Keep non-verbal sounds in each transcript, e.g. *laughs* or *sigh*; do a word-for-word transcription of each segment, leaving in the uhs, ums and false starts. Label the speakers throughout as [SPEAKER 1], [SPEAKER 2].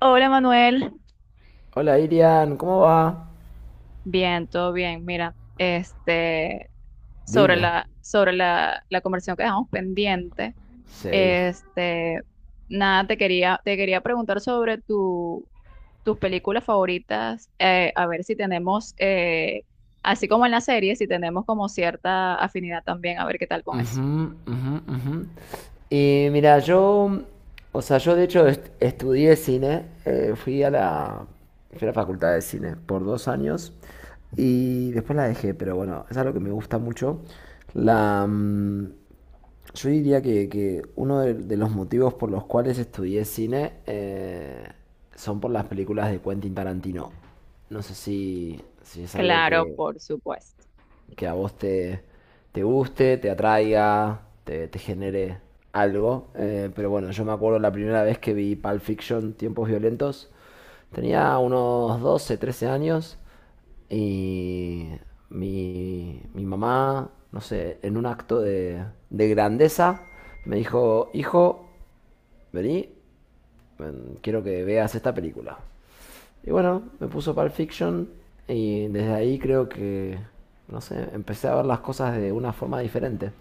[SPEAKER 1] Hola Manuel,
[SPEAKER 2] Hola Irian, ¿cómo va?
[SPEAKER 1] bien, todo bien. Mira, este, sobre
[SPEAKER 2] Dime.
[SPEAKER 1] la, sobre la, la conversación que dejamos pendiente,
[SPEAKER 2] Sí.
[SPEAKER 1] este, nada, te quería, te quería preguntar sobre tu, tus películas favoritas, eh, a ver si tenemos, eh, así como en la serie, si tenemos como cierta afinidad también, a ver qué tal con eso.
[SPEAKER 2] Ujú, ujú, ujú. Y mira, yo, o sea, yo de hecho est- estudié cine, eh, fui a la, fui a la facultad de cine por dos años y después la dejé, pero bueno, es algo que me gusta mucho. La, mm, yo diría que, que uno de, de los motivos por los cuales estudié cine eh, son por las películas de Quentin Tarantino. No sé si, si es algo
[SPEAKER 1] Claro,
[SPEAKER 2] que,
[SPEAKER 1] por supuesto.
[SPEAKER 2] que a vos te, te guste, te atraiga, te, te genere algo. Eh, pero bueno, yo me acuerdo la primera vez que vi Pulp Fiction, Tiempos Violentos, tenía unos doce trece años y mi, mi mamá, no sé, en un acto de, de grandeza, me dijo, hijo, vení, quiero que veas esta película. Y bueno, me puso Pulp Fiction y desde ahí creo que, no sé, empecé a ver las cosas de una forma diferente.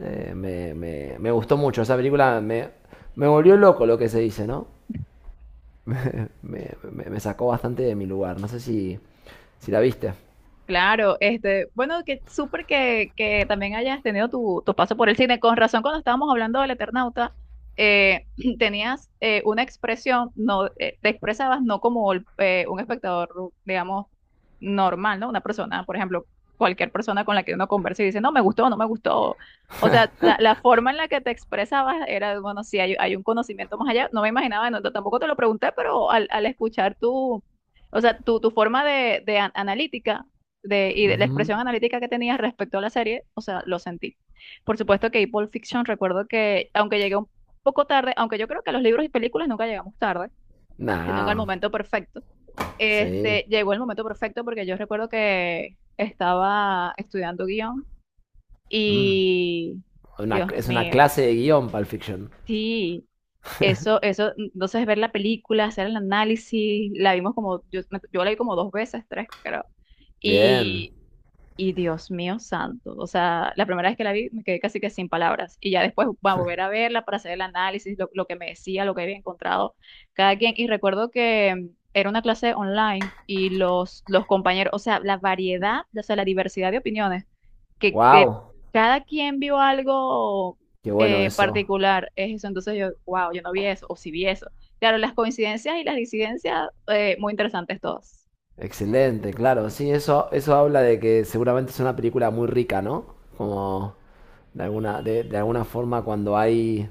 [SPEAKER 2] Eh, me, me- me gustó mucho, esa película me, me volvió loco lo que se dice, ¿no? Me, me- me sacó bastante de mi lugar, no sé si, si la viste.
[SPEAKER 1] Claro, este, bueno, que súper que, que también hayas tenido tu, tu paso por el cine. Con razón, cuando estábamos hablando del Eternauta, eh, *clears throat* tenías eh, una expresión, no, eh, te expresabas no como el- eh, un espectador, digamos, normal, ¿no? Una persona, por ejemplo, cualquier persona con la que uno conversa y dice, no, me gustó, no me gustó. O sea, la, la forma en la que te expresabas era, bueno, sí, hay, hay un conocimiento más allá. No me imaginaba, no, tampoco te lo pregunté, pero al, al escuchar tu, o sea, tu, tu forma de, de an- analítica de, y de la
[SPEAKER 2] Ujú.
[SPEAKER 1] expresión analítica que tenía respecto a la serie, o sea, lo sentí. Por supuesto que Pulp Fiction, recuerdo que, aunque llegué un poco tarde, aunque yo creo que a los libros y películas nunca llegamos tarde, sino que al
[SPEAKER 2] Nah,
[SPEAKER 1] momento perfecto,
[SPEAKER 2] sí.
[SPEAKER 1] este, llegó el momento perfecto porque yo recuerdo que estaba estudiando guión
[SPEAKER 2] Mm.
[SPEAKER 1] y,
[SPEAKER 2] Una-
[SPEAKER 1] Dios
[SPEAKER 2] es una
[SPEAKER 1] mío,
[SPEAKER 2] clase de guión, Pulp Fiction.
[SPEAKER 1] sí. Eso, eso, entonces ver la película, hacer el análisis, la vimos como, yo, yo la vi como dos veces, tres, creo.
[SPEAKER 2] Bien.
[SPEAKER 1] Y Y Dios mío santo, o sea, la primera vez que la vi me quedé casi que sin palabras y ya después va a volver a verla para hacer el análisis, lo, lo que me decía, lo que había encontrado cada quien. Y recuerdo que mm, era una clase online y los, los compañeros, o sea, la variedad, o sea, la diversidad de opiniones, que, que
[SPEAKER 2] Wow.
[SPEAKER 1] cada quien vio algo
[SPEAKER 2] Qué bueno
[SPEAKER 1] eh,
[SPEAKER 2] eso.
[SPEAKER 1] particular, es eso. Entonces yo, wow, yo no vi eso, o sí vi eso. Claro, las coincidencias y las disidencias, eh, muy interesantes todas.
[SPEAKER 2] Excelente, claro, sí, eso, eso habla de que seguramente es una película muy rica, ¿no? Como de alguna, de, de alguna forma cuando hay,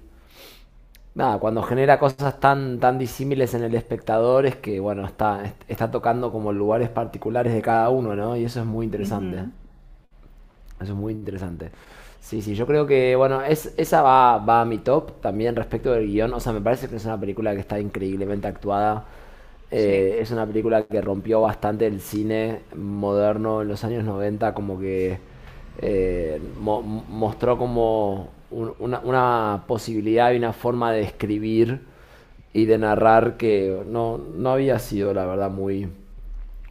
[SPEAKER 2] nada, cuando genera cosas tan, tan disímiles en el espectador es que, bueno, está, está tocando como lugares particulares de cada uno, ¿no? Y eso es muy interesante.
[SPEAKER 1] Ujú,
[SPEAKER 2] Eso es muy interesante. Sí, sí, yo creo que, bueno, es, esa va, va a mi top también respecto del guión. O sea, me parece que es una película que está increíblemente actuada.
[SPEAKER 1] sí,
[SPEAKER 2] Eh, es una película que rompió bastante el cine moderno en los años noventa como que eh, mo- mostró como un- una, una posibilidad y una forma de escribir y de narrar que no, no había sido, la verdad, muy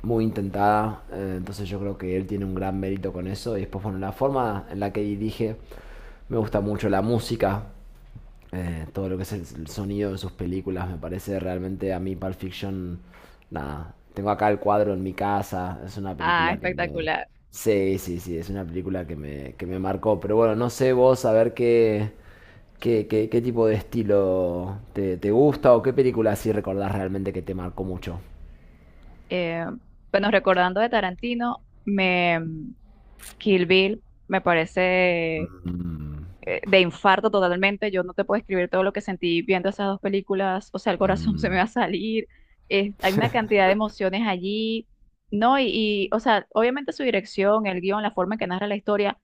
[SPEAKER 2] muy intentada. eh, entonces yo creo que él tiene un gran mérito con eso. Y después, bueno, la forma en la que dirige, me gusta mucho la música, eh, todo lo que es el, el sonido de sus películas, me parece realmente a mí Pulp Fiction, nada. Tengo acá el cuadro en mi casa, es una
[SPEAKER 1] ah,
[SPEAKER 2] película que me...
[SPEAKER 1] espectacular.
[SPEAKER 2] Sí, sí, sí, es una película que me, que me marcó. Pero bueno, no sé vos, a ver qué, qué, qué, qué tipo de estilo te, te gusta o qué película así recordás realmente que te marcó mucho.
[SPEAKER 1] Eh, bueno, recordando de Tarantino, me, Kill Bill me parece
[SPEAKER 2] Mm.
[SPEAKER 1] eh, de infarto totalmente. Yo no te puedo escribir todo lo que sentí viendo esas dos películas. O sea, el corazón *laughs* se me
[SPEAKER 2] Mm,
[SPEAKER 1] va a salir. eh, hay una cantidad de emociones allí, ¿no? Y, y, o sea, obviamente su dirección, el guión, la forma en que narra la historia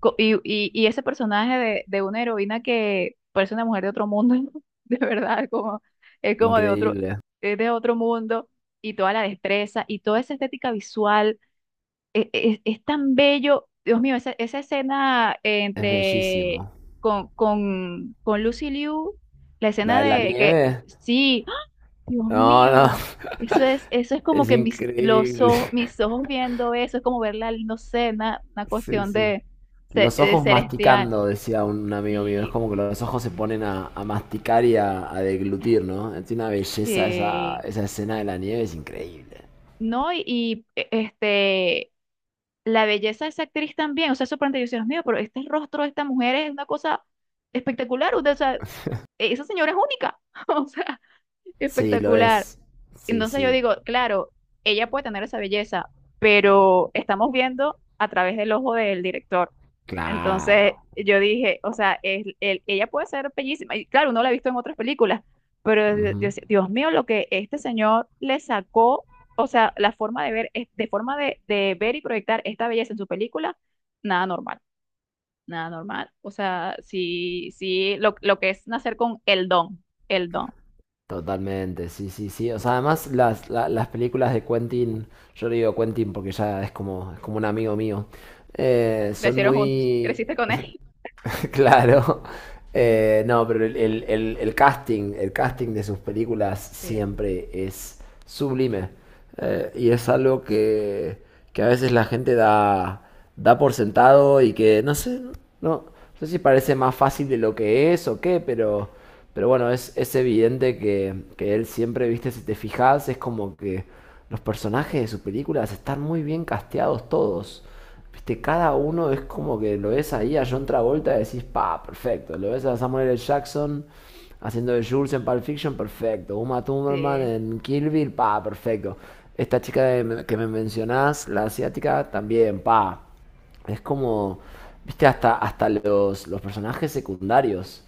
[SPEAKER 1] co- y, y, y ese personaje de, de una heroína que parece una mujer de otro mundo, *laughs* de verdad, como, es como de otro,
[SPEAKER 2] increíble.
[SPEAKER 1] es de otro mundo. Y toda la destreza y toda esa estética visual e- e- Es, tan bello, Dios mío, esa, esa escena eh,
[SPEAKER 2] Es
[SPEAKER 1] entre
[SPEAKER 2] bellísimo.
[SPEAKER 1] con, con, con Lucy Liu, la
[SPEAKER 2] ¿La
[SPEAKER 1] escena
[SPEAKER 2] de la
[SPEAKER 1] de que
[SPEAKER 2] nieve?
[SPEAKER 1] sí, ¡Ah! Dios
[SPEAKER 2] No, no.
[SPEAKER 1] mío, eso es, eso es
[SPEAKER 2] *laughs*
[SPEAKER 1] como
[SPEAKER 2] Es
[SPEAKER 1] que mis, los
[SPEAKER 2] increíble.
[SPEAKER 1] ojos, mis ojos viendo eso, es como verla, no sé, una, una
[SPEAKER 2] Sí,
[SPEAKER 1] cuestión
[SPEAKER 2] sí.
[SPEAKER 1] de, ce-
[SPEAKER 2] Los
[SPEAKER 1] de
[SPEAKER 2] ojos
[SPEAKER 1] celestial.
[SPEAKER 2] masticando, decía un amigo mío. Es
[SPEAKER 1] Y
[SPEAKER 2] como que los ojos se ponen a, a masticar y a, a deglutir, ¿no? Tiene una belleza esa,
[SPEAKER 1] sí,
[SPEAKER 2] esa escena de la nieve, es increíble.
[SPEAKER 1] no, y, y, e- este la belleza de esa actriz también, o sea, sorprendente, yo decía, Dios mío, pero este rostro de esta mujer es una cosa espectacular. O sea, esa señora es única, *laughs* o sea,
[SPEAKER 2] Sí, lo
[SPEAKER 1] espectacular.
[SPEAKER 2] es. Sí,
[SPEAKER 1] Entonces yo
[SPEAKER 2] sí.
[SPEAKER 1] digo, claro, ella puede tener esa belleza, pero estamos viendo a través del ojo del director. Entonces
[SPEAKER 2] Claro.
[SPEAKER 1] yo dije, o sea, el- el- ella puede ser bellísima. Y claro, uno la ha visto en otras películas, pero yo
[SPEAKER 2] Ujú.
[SPEAKER 1] decía, Dios mío, lo que este señor le sacó, o sea, la forma de ver, es- de forma de, de ver y proyectar esta belleza en su película, nada normal. Nada normal. O sea, sí, sí, lo, lo que es nacer con el don, el don.
[SPEAKER 2] Totalmente, sí, sí, sí. O sea, además las, la- las películas de Quentin, yo le digo Quentin porque ya es como, es como un amigo mío, eh, son
[SPEAKER 1] Crecieron juntos, *laughs*
[SPEAKER 2] muy,
[SPEAKER 1] creciste con él.
[SPEAKER 2] *laughs* claro. Eh, no, pero el, el- el- el casting, el casting de sus películas
[SPEAKER 1] Sí,
[SPEAKER 2] siempre es sublime. Eh, y es algo que, que a veces la gente da, da por sentado y que no sé, no, no sé si parece más fácil de lo que es o qué, pero, pero bueno, es, es evidente que, que él siempre, viste, si te fijas, es como que los personajes de sus películas están muy bien casteados todos. Viste, cada uno es como que lo ves ahí a John Travolta y decís, pa, perfecto. Lo ves a Samuel L. Jackson haciendo de Jules en Pulp Fiction, perfecto. Uma Thurman
[SPEAKER 1] sí.
[SPEAKER 2] en Kill Bill, pa, perfecto. Esta chica de- que me mencionás, la asiática, también, pa. Es como, viste, hasta, hasta los, los personajes secundarios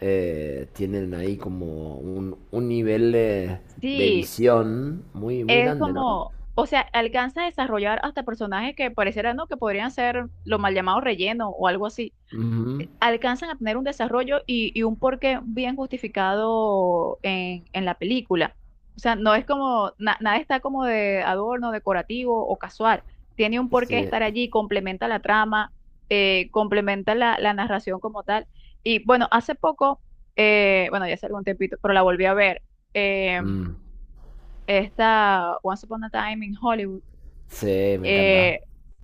[SPEAKER 2] eh, tienen ahí como un, un nivel de, de
[SPEAKER 1] Sí,
[SPEAKER 2] visión muy, muy
[SPEAKER 1] es
[SPEAKER 2] grande, ¿no?
[SPEAKER 1] como, o sea, alcanza a desarrollar hasta personajes que parecieran, ¿no? Que podrían ser lo mal llamado relleno o algo así.
[SPEAKER 2] Ujú,
[SPEAKER 1] Alcanzan a tener un desarrollo y, y un porqué bien justificado en, en la película. O sea, no es como, na- nada está como de adorno, decorativo o casual. Tiene un porqué
[SPEAKER 2] sí.
[SPEAKER 1] estar allí, complementa la trama, eh, complementa la, la narración como tal. Y bueno, hace poco, eh, bueno, ya hace algún tiempito, pero la volví a ver, eh,
[SPEAKER 2] Mm.
[SPEAKER 1] esta Once Upon a Time in Hollywood.
[SPEAKER 2] Sí, me encanta.
[SPEAKER 1] Eh,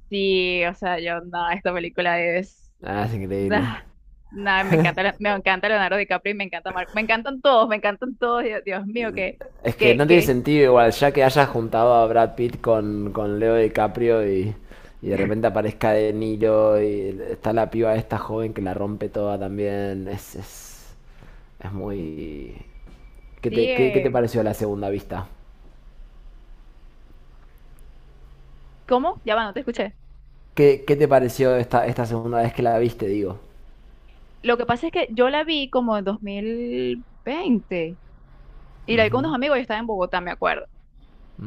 [SPEAKER 1] sí, o sea, yo, no, esta película es *laughs*
[SPEAKER 2] Ah, es increíble.
[SPEAKER 1] Nah, nah, me encanta, Le- me encanta Leonardo DiCaprio y me encanta Mark. Me encantan todos, me encantan todos. Dios, Dios mío, que,
[SPEAKER 2] Es que
[SPEAKER 1] que,
[SPEAKER 2] no tiene
[SPEAKER 1] que,
[SPEAKER 2] sentido igual, ya que hayas juntado a Brad Pitt con, con Leo DiCaprio y, y de repente aparezca De Niro y está la piba esta joven que la rompe toda también. Es, es, es muy... ¿Qué
[SPEAKER 1] sí.
[SPEAKER 2] te, qué, qué te
[SPEAKER 1] Eh,
[SPEAKER 2] pareció la segunda vista?
[SPEAKER 1] ¿Cómo? Ya va, no te escuché.
[SPEAKER 2] ¿Qué, qué te pareció esta, esta segunda vez que la viste, digo?
[SPEAKER 1] Lo que pasa es que yo la vi como en dos mil veinte y la vi con unos amigos, yo estaba en Bogotá, me acuerdo.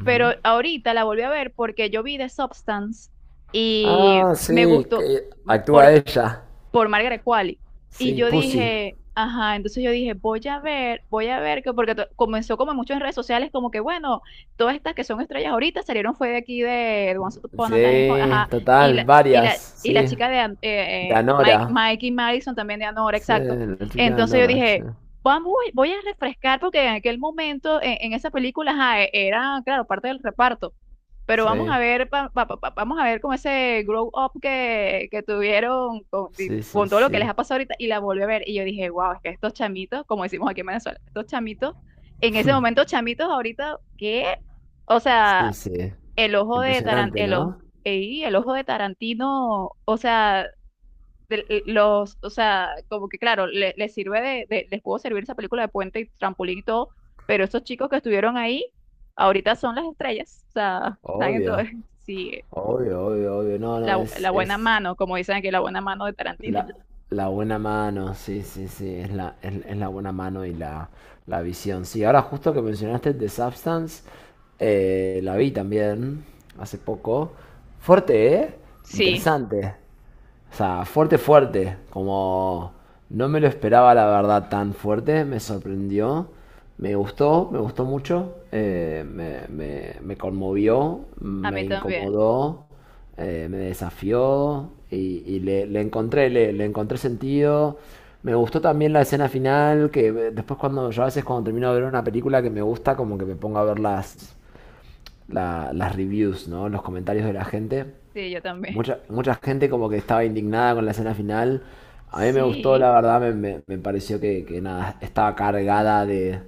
[SPEAKER 1] Pero ahorita la volví a ver porque yo vi The Substance y
[SPEAKER 2] Ah,
[SPEAKER 1] me
[SPEAKER 2] sí,
[SPEAKER 1] gustó.
[SPEAKER 2] que actúa ella.
[SPEAKER 1] Por Margaret Qualley. Y
[SPEAKER 2] Sí,
[SPEAKER 1] yo
[SPEAKER 2] Pussy.
[SPEAKER 1] dije, ajá, entonces yo dije, voy a ver, voy a ver, que porque to- comenzó como en muchas redes sociales, como que bueno, todas estas que son estrellas ahorita salieron fue de aquí de Once Upon a Time, in Hollywood,
[SPEAKER 2] Sí,
[SPEAKER 1] ajá, y
[SPEAKER 2] total,
[SPEAKER 1] la, y
[SPEAKER 2] varias,
[SPEAKER 1] la, y
[SPEAKER 2] sí.
[SPEAKER 1] la chica de An-
[SPEAKER 2] De
[SPEAKER 1] eh, eh,
[SPEAKER 2] Anora.
[SPEAKER 1] Mike, Mikey Madison también de Anora,
[SPEAKER 2] Sí,
[SPEAKER 1] exacto.
[SPEAKER 2] la chica de
[SPEAKER 1] Entonces yo
[SPEAKER 2] Nora, sí.
[SPEAKER 1] dije, vamos, voy voy a refrescar porque en aquel momento, en, en esa película, ajá, e- era, claro, parte del reparto. Pero vamos
[SPEAKER 2] Sí,
[SPEAKER 1] a ver, pa- pa- pa- pa- vamos a ver como ese grow up que, que tuvieron con, di-
[SPEAKER 2] sí, sí,
[SPEAKER 1] con todo lo que les
[SPEAKER 2] sí.
[SPEAKER 1] ha pasado ahorita y la volví a ver y yo dije, wow, es que estos chamitos, como decimos aquí en Venezuela, estos chamitos, en ese momento chamitos ahorita, ¿qué? O sea,
[SPEAKER 2] Sí, sí.
[SPEAKER 1] el ojo de Tarantino,
[SPEAKER 2] Impresionante,
[SPEAKER 1] el ojo,
[SPEAKER 2] ¿no?
[SPEAKER 1] ey, el ojo de Tarantino, o sea, de- los, o sea, como que claro, le- les sirve de, de- les pudo servir esa película de puente y trampolín y todo, pero estos chicos que estuvieron ahí, ahorita son las estrellas, o sea, *laughs* están en todo,
[SPEAKER 2] Obvio,
[SPEAKER 1] *laughs* sí,
[SPEAKER 2] obvio, obvio, obvio. No, no,
[SPEAKER 1] la,
[SPEAKER 2] es,
[SPEAKER 1] la buena
[SPEAKER 2] es,
[SPEAKER 1] mano, como dicen aquí, la buena mano de Tarantino.
[SPEAKER 2] La,
[SPEAKER 1] *laughs*
[SPEAKER 2] la buena mano, sí, sí, sí, es la, es, es la buena mano y la, la visión. Sí, ahora justo que mencionaste The Substance, eh, la vi también hace poco. Fuerte, ¿eh?
[SPEAKER 1] Sí,
[SPEAKER 2] Interesante. O sea, fuerte, fuerte. Como no me lo esperaba, la verdad, tan fuerte. Me sorprendió. Me gustó, me gustó mucho. Eh, me, me, me conmovió,
[SPEAKER 1] a
[SPEAKER 2] me
[SPEAKER 1] mí también,
[SPEAKER 2] incomodó eh, me desafió y, y le, le encontré, le, le encontré sentido. Me gustó también la escena final, que eh, después cuando yo a veces cuando termino de ver una película que me gusta, como que me pongo a ver las, la- las reviews, ¿no? Los comentarios de la gente.
[SPEAKER 1] sí, yo también.
[SPEAKER 2] Mucha, mucha gente como que estaba indignada con la escena final. A mí me gustó, la
[SPEAKER 1] Sí,
[SPEAKER 2] verdad, me, me- me pareció que, que nada, estaba cargada de,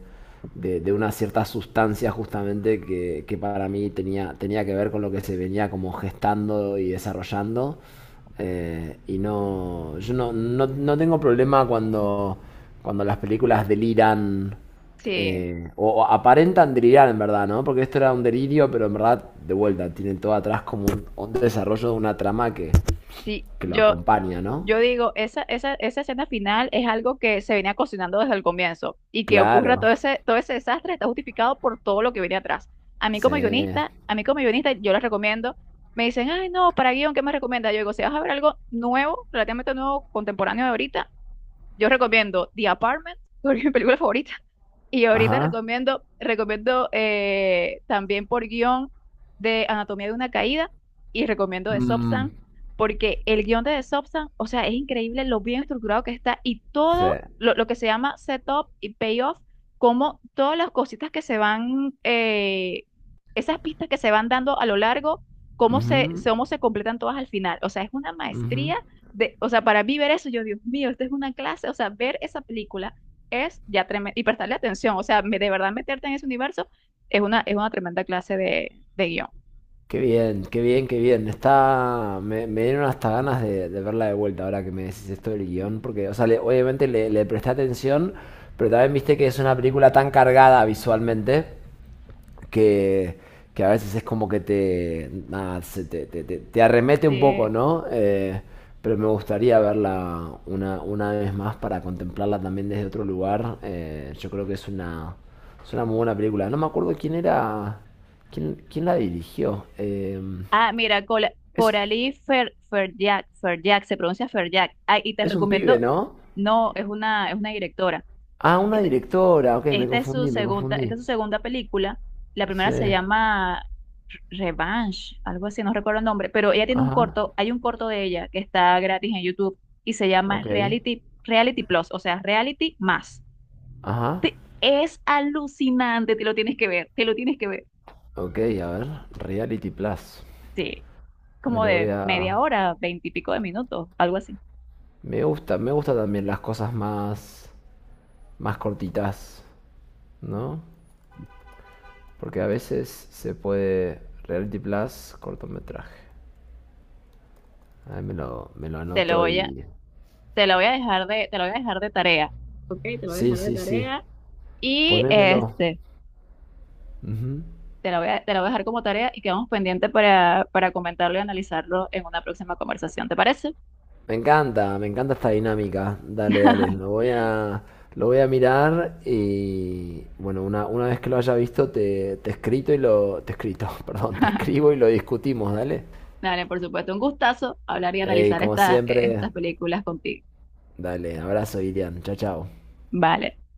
[SPEAKER 2] de, de una cierta sustancia justamente que, que para mí tenía, tenía que ver con lo que se venía como gestando y desarrollando. Eh, y no, yo no, no, no tengo problema cuando, cuando las películas deliran
[SPEAKER 1] sí,
[SPEAKER 2] eh, o, o aparentan delirar en verdad, ¿no? Porque esto era un delirio, pero en verdad, de vuelta, tienen todo atrás como un, un desarrollo de una trama que,
[SPEAKER 1] sí,
[SPEAKER 2] que lo
[SPEAKER 1] yo,
[SPEAKER 2] acompaña, ¿no?
[SPEAKER 1] Yo digo, esa, esa, esa escena final es algo que se venía cocinando desde el comienzo y que ocurra
[SPEAKER 2] Claro,
[SPEAKER 1] todo ese, todo ese desastre está justificado por todo lo que viene atrás. A mí como
[SPEAKER 2] sí.
[SPEAKER 1] guionista, a mí como guionista, yo les recomiendo, me dicen, ay, no, para guión, ¿qué me recomienda? Yo digo, si vas a ver algo nuevo, relativamente nuevo, contemporáneo de ahorita, yo recomiendo The Apartment, *laughs* porque es mi película favorita. Y ahorita
[SPEAKER 2] Ajá.
[SPEAKER 1] recomiendo, recomiendo eh, también por guión de Anatomía de una caída y recomiendo de
[SPEAKER 2] Mm,
[SPEAKER 1] Substance, porque el guión de The Substance, o sea, es increíble lo bien estructurado que está y
[SPEAKER 2] sí.
[SPEAKER 1] todo lo, lo que se llama setup y payoff, como todas las cositas que se van, eh, esas pistas que se van dando a lo largo, cómo se,
[SPEAKER 2] Ujú,
[SPEAKER 1] cómo se completan todas al final. O sea, es una
[SPEAKER 2] ujú.
[SPEAKER 1] maestría de, o sea, para mí ver eso, yo, Dios mío, esta es una clase, o sea, ver esa película es ya tremendo, y prestarle atención, o sea, me- de verdad meterte en ese universo es una, es una tremenda clase de, de guión.
[SPEAKER 2] Qué bien, qué bien, qué bien. Está... Me, me dieron hasta ganas de, de verla de vuelta ahora que me decís esto del guión, porque, o sea, le- obviamente le, le presté atención, pero también viste que es una película tan cargada visualmente que, que a veces es como que te, nada, se te, te- te- te arremete un poco,
[SPEAKER 1] Sí.
[SPEAKER 2] ¿no? Eh, pero me gustaría verla una, una vez más para contemplarla también desde otro lugar. Eh, yo creo que es una, es una muy buena película. No me acuerdo quién era, quién, quién la dirigió. Eh,
[SPEAKER 1] Ah, mira, Cola-
[SPEAKER 2] es,
[SPEAKER 1] Coralie Fer, Ferjak, Ferjak, se pronuncia Ferjak, ah, y te
[SPEAKER 2] es un pibe,
[SPEAKER 1] recomiendo,
[SPEAKER 2] ¿no?
[SPEAKER 1] no, es una, es una directora.
[SPEAKER 2] Ah, una
[SPEAKER 1] Este,
[SPEAKER 2] directora. Ok, me
[SPEAKER 1] Esta es su
[SPEAKER 2] confundí, me
[SPEAKER 1] segunda, esta
[SPEAKER 2] confundí.
[SPEAKER 1] es su segunda película. La
[SPEAKER 2] Sí.
[SPEAKER 1] primera se llama Revenge, algo así, no recuerdo el nombre, pero ella tiene un
[SPEAKER 2] Ajá.
[SPEAKER 1] corto, hay un corto de ella que está gratis en YouTube y se llama
[SPEAKER 2] Ok.
[SPEAKER 1] Reality, Reality Plus, o sea, Reality más.
[SPEAKER 2] Ajá.
[SPEAKER 1] Te- es alucinante, te lo tienes que ver, te lo tienes que ver.
[SPEAKER 2] Ok, a ver. Reality Plus.
[SPEAKER 1] Sí,
[SPEAKER 2] Me
[SPEAKER 1] como
[SPEAKER 2] lo voy
[SPEAKER 1] de
[SPEAKER 2] a...
[SPEAKER 1] media hora, veintipico de minutos, algo así.
[SPEAKER 2] Me gusta, me gusta también las cosas más, más cortitas, ¿no? Porque a veces se puede Reality Plus, cortometraje. Ahí me lo, me lo
[SPEAKER 1] Te lo
[SPEAKER 2] anoto
[SPEAKER 1] voy a,
[SPEAKER 2] y...
[SPEAKER 1] te lo voy a dejar de, te lo voy a dejar de tarea. Ok, te lo voy a
[SPEAKER 2] Sí,
[SPEAKER 1] dejar de
[SPEAKER 2] sí, sí.
[SPEAKER 1] tarea. Y
[SPEAKER 2] Ponémelo.
[SPEAKER 1] este.
[SPEAKER 2] Ujú.
[SPEAKER 1] Te la voy a, te la voy a dejar como tarea y quedamos pendientes para, para comentarlo y analizarlo en una próxima conversación. ¿Te parece?
[SPEAKER 2] Me encanta, me encanta esta dinámica. Dale, dale. Lo voy a, lo voy a mirar y... Bueno, una, una vez que lo haya visto, te, te escrito y lo... Te escrito, *laughs* perdón, te escribo y lo discutimos, dale.
[SPEAKER 1] Dale, por supuesto, un gustazo hablar y
[SPEAKER 2] Ey,
[SPEAKER 1] analizar
[SPEAKER 2] como
[SPEAKER 1] estas
[SPEAKER 2] siempre,
[SPEAKER 1] estas películas contigo.
[SPEAKER 2] dale, abrazo, Ilian, chao, chao.
[SPEAKER 1] Vale.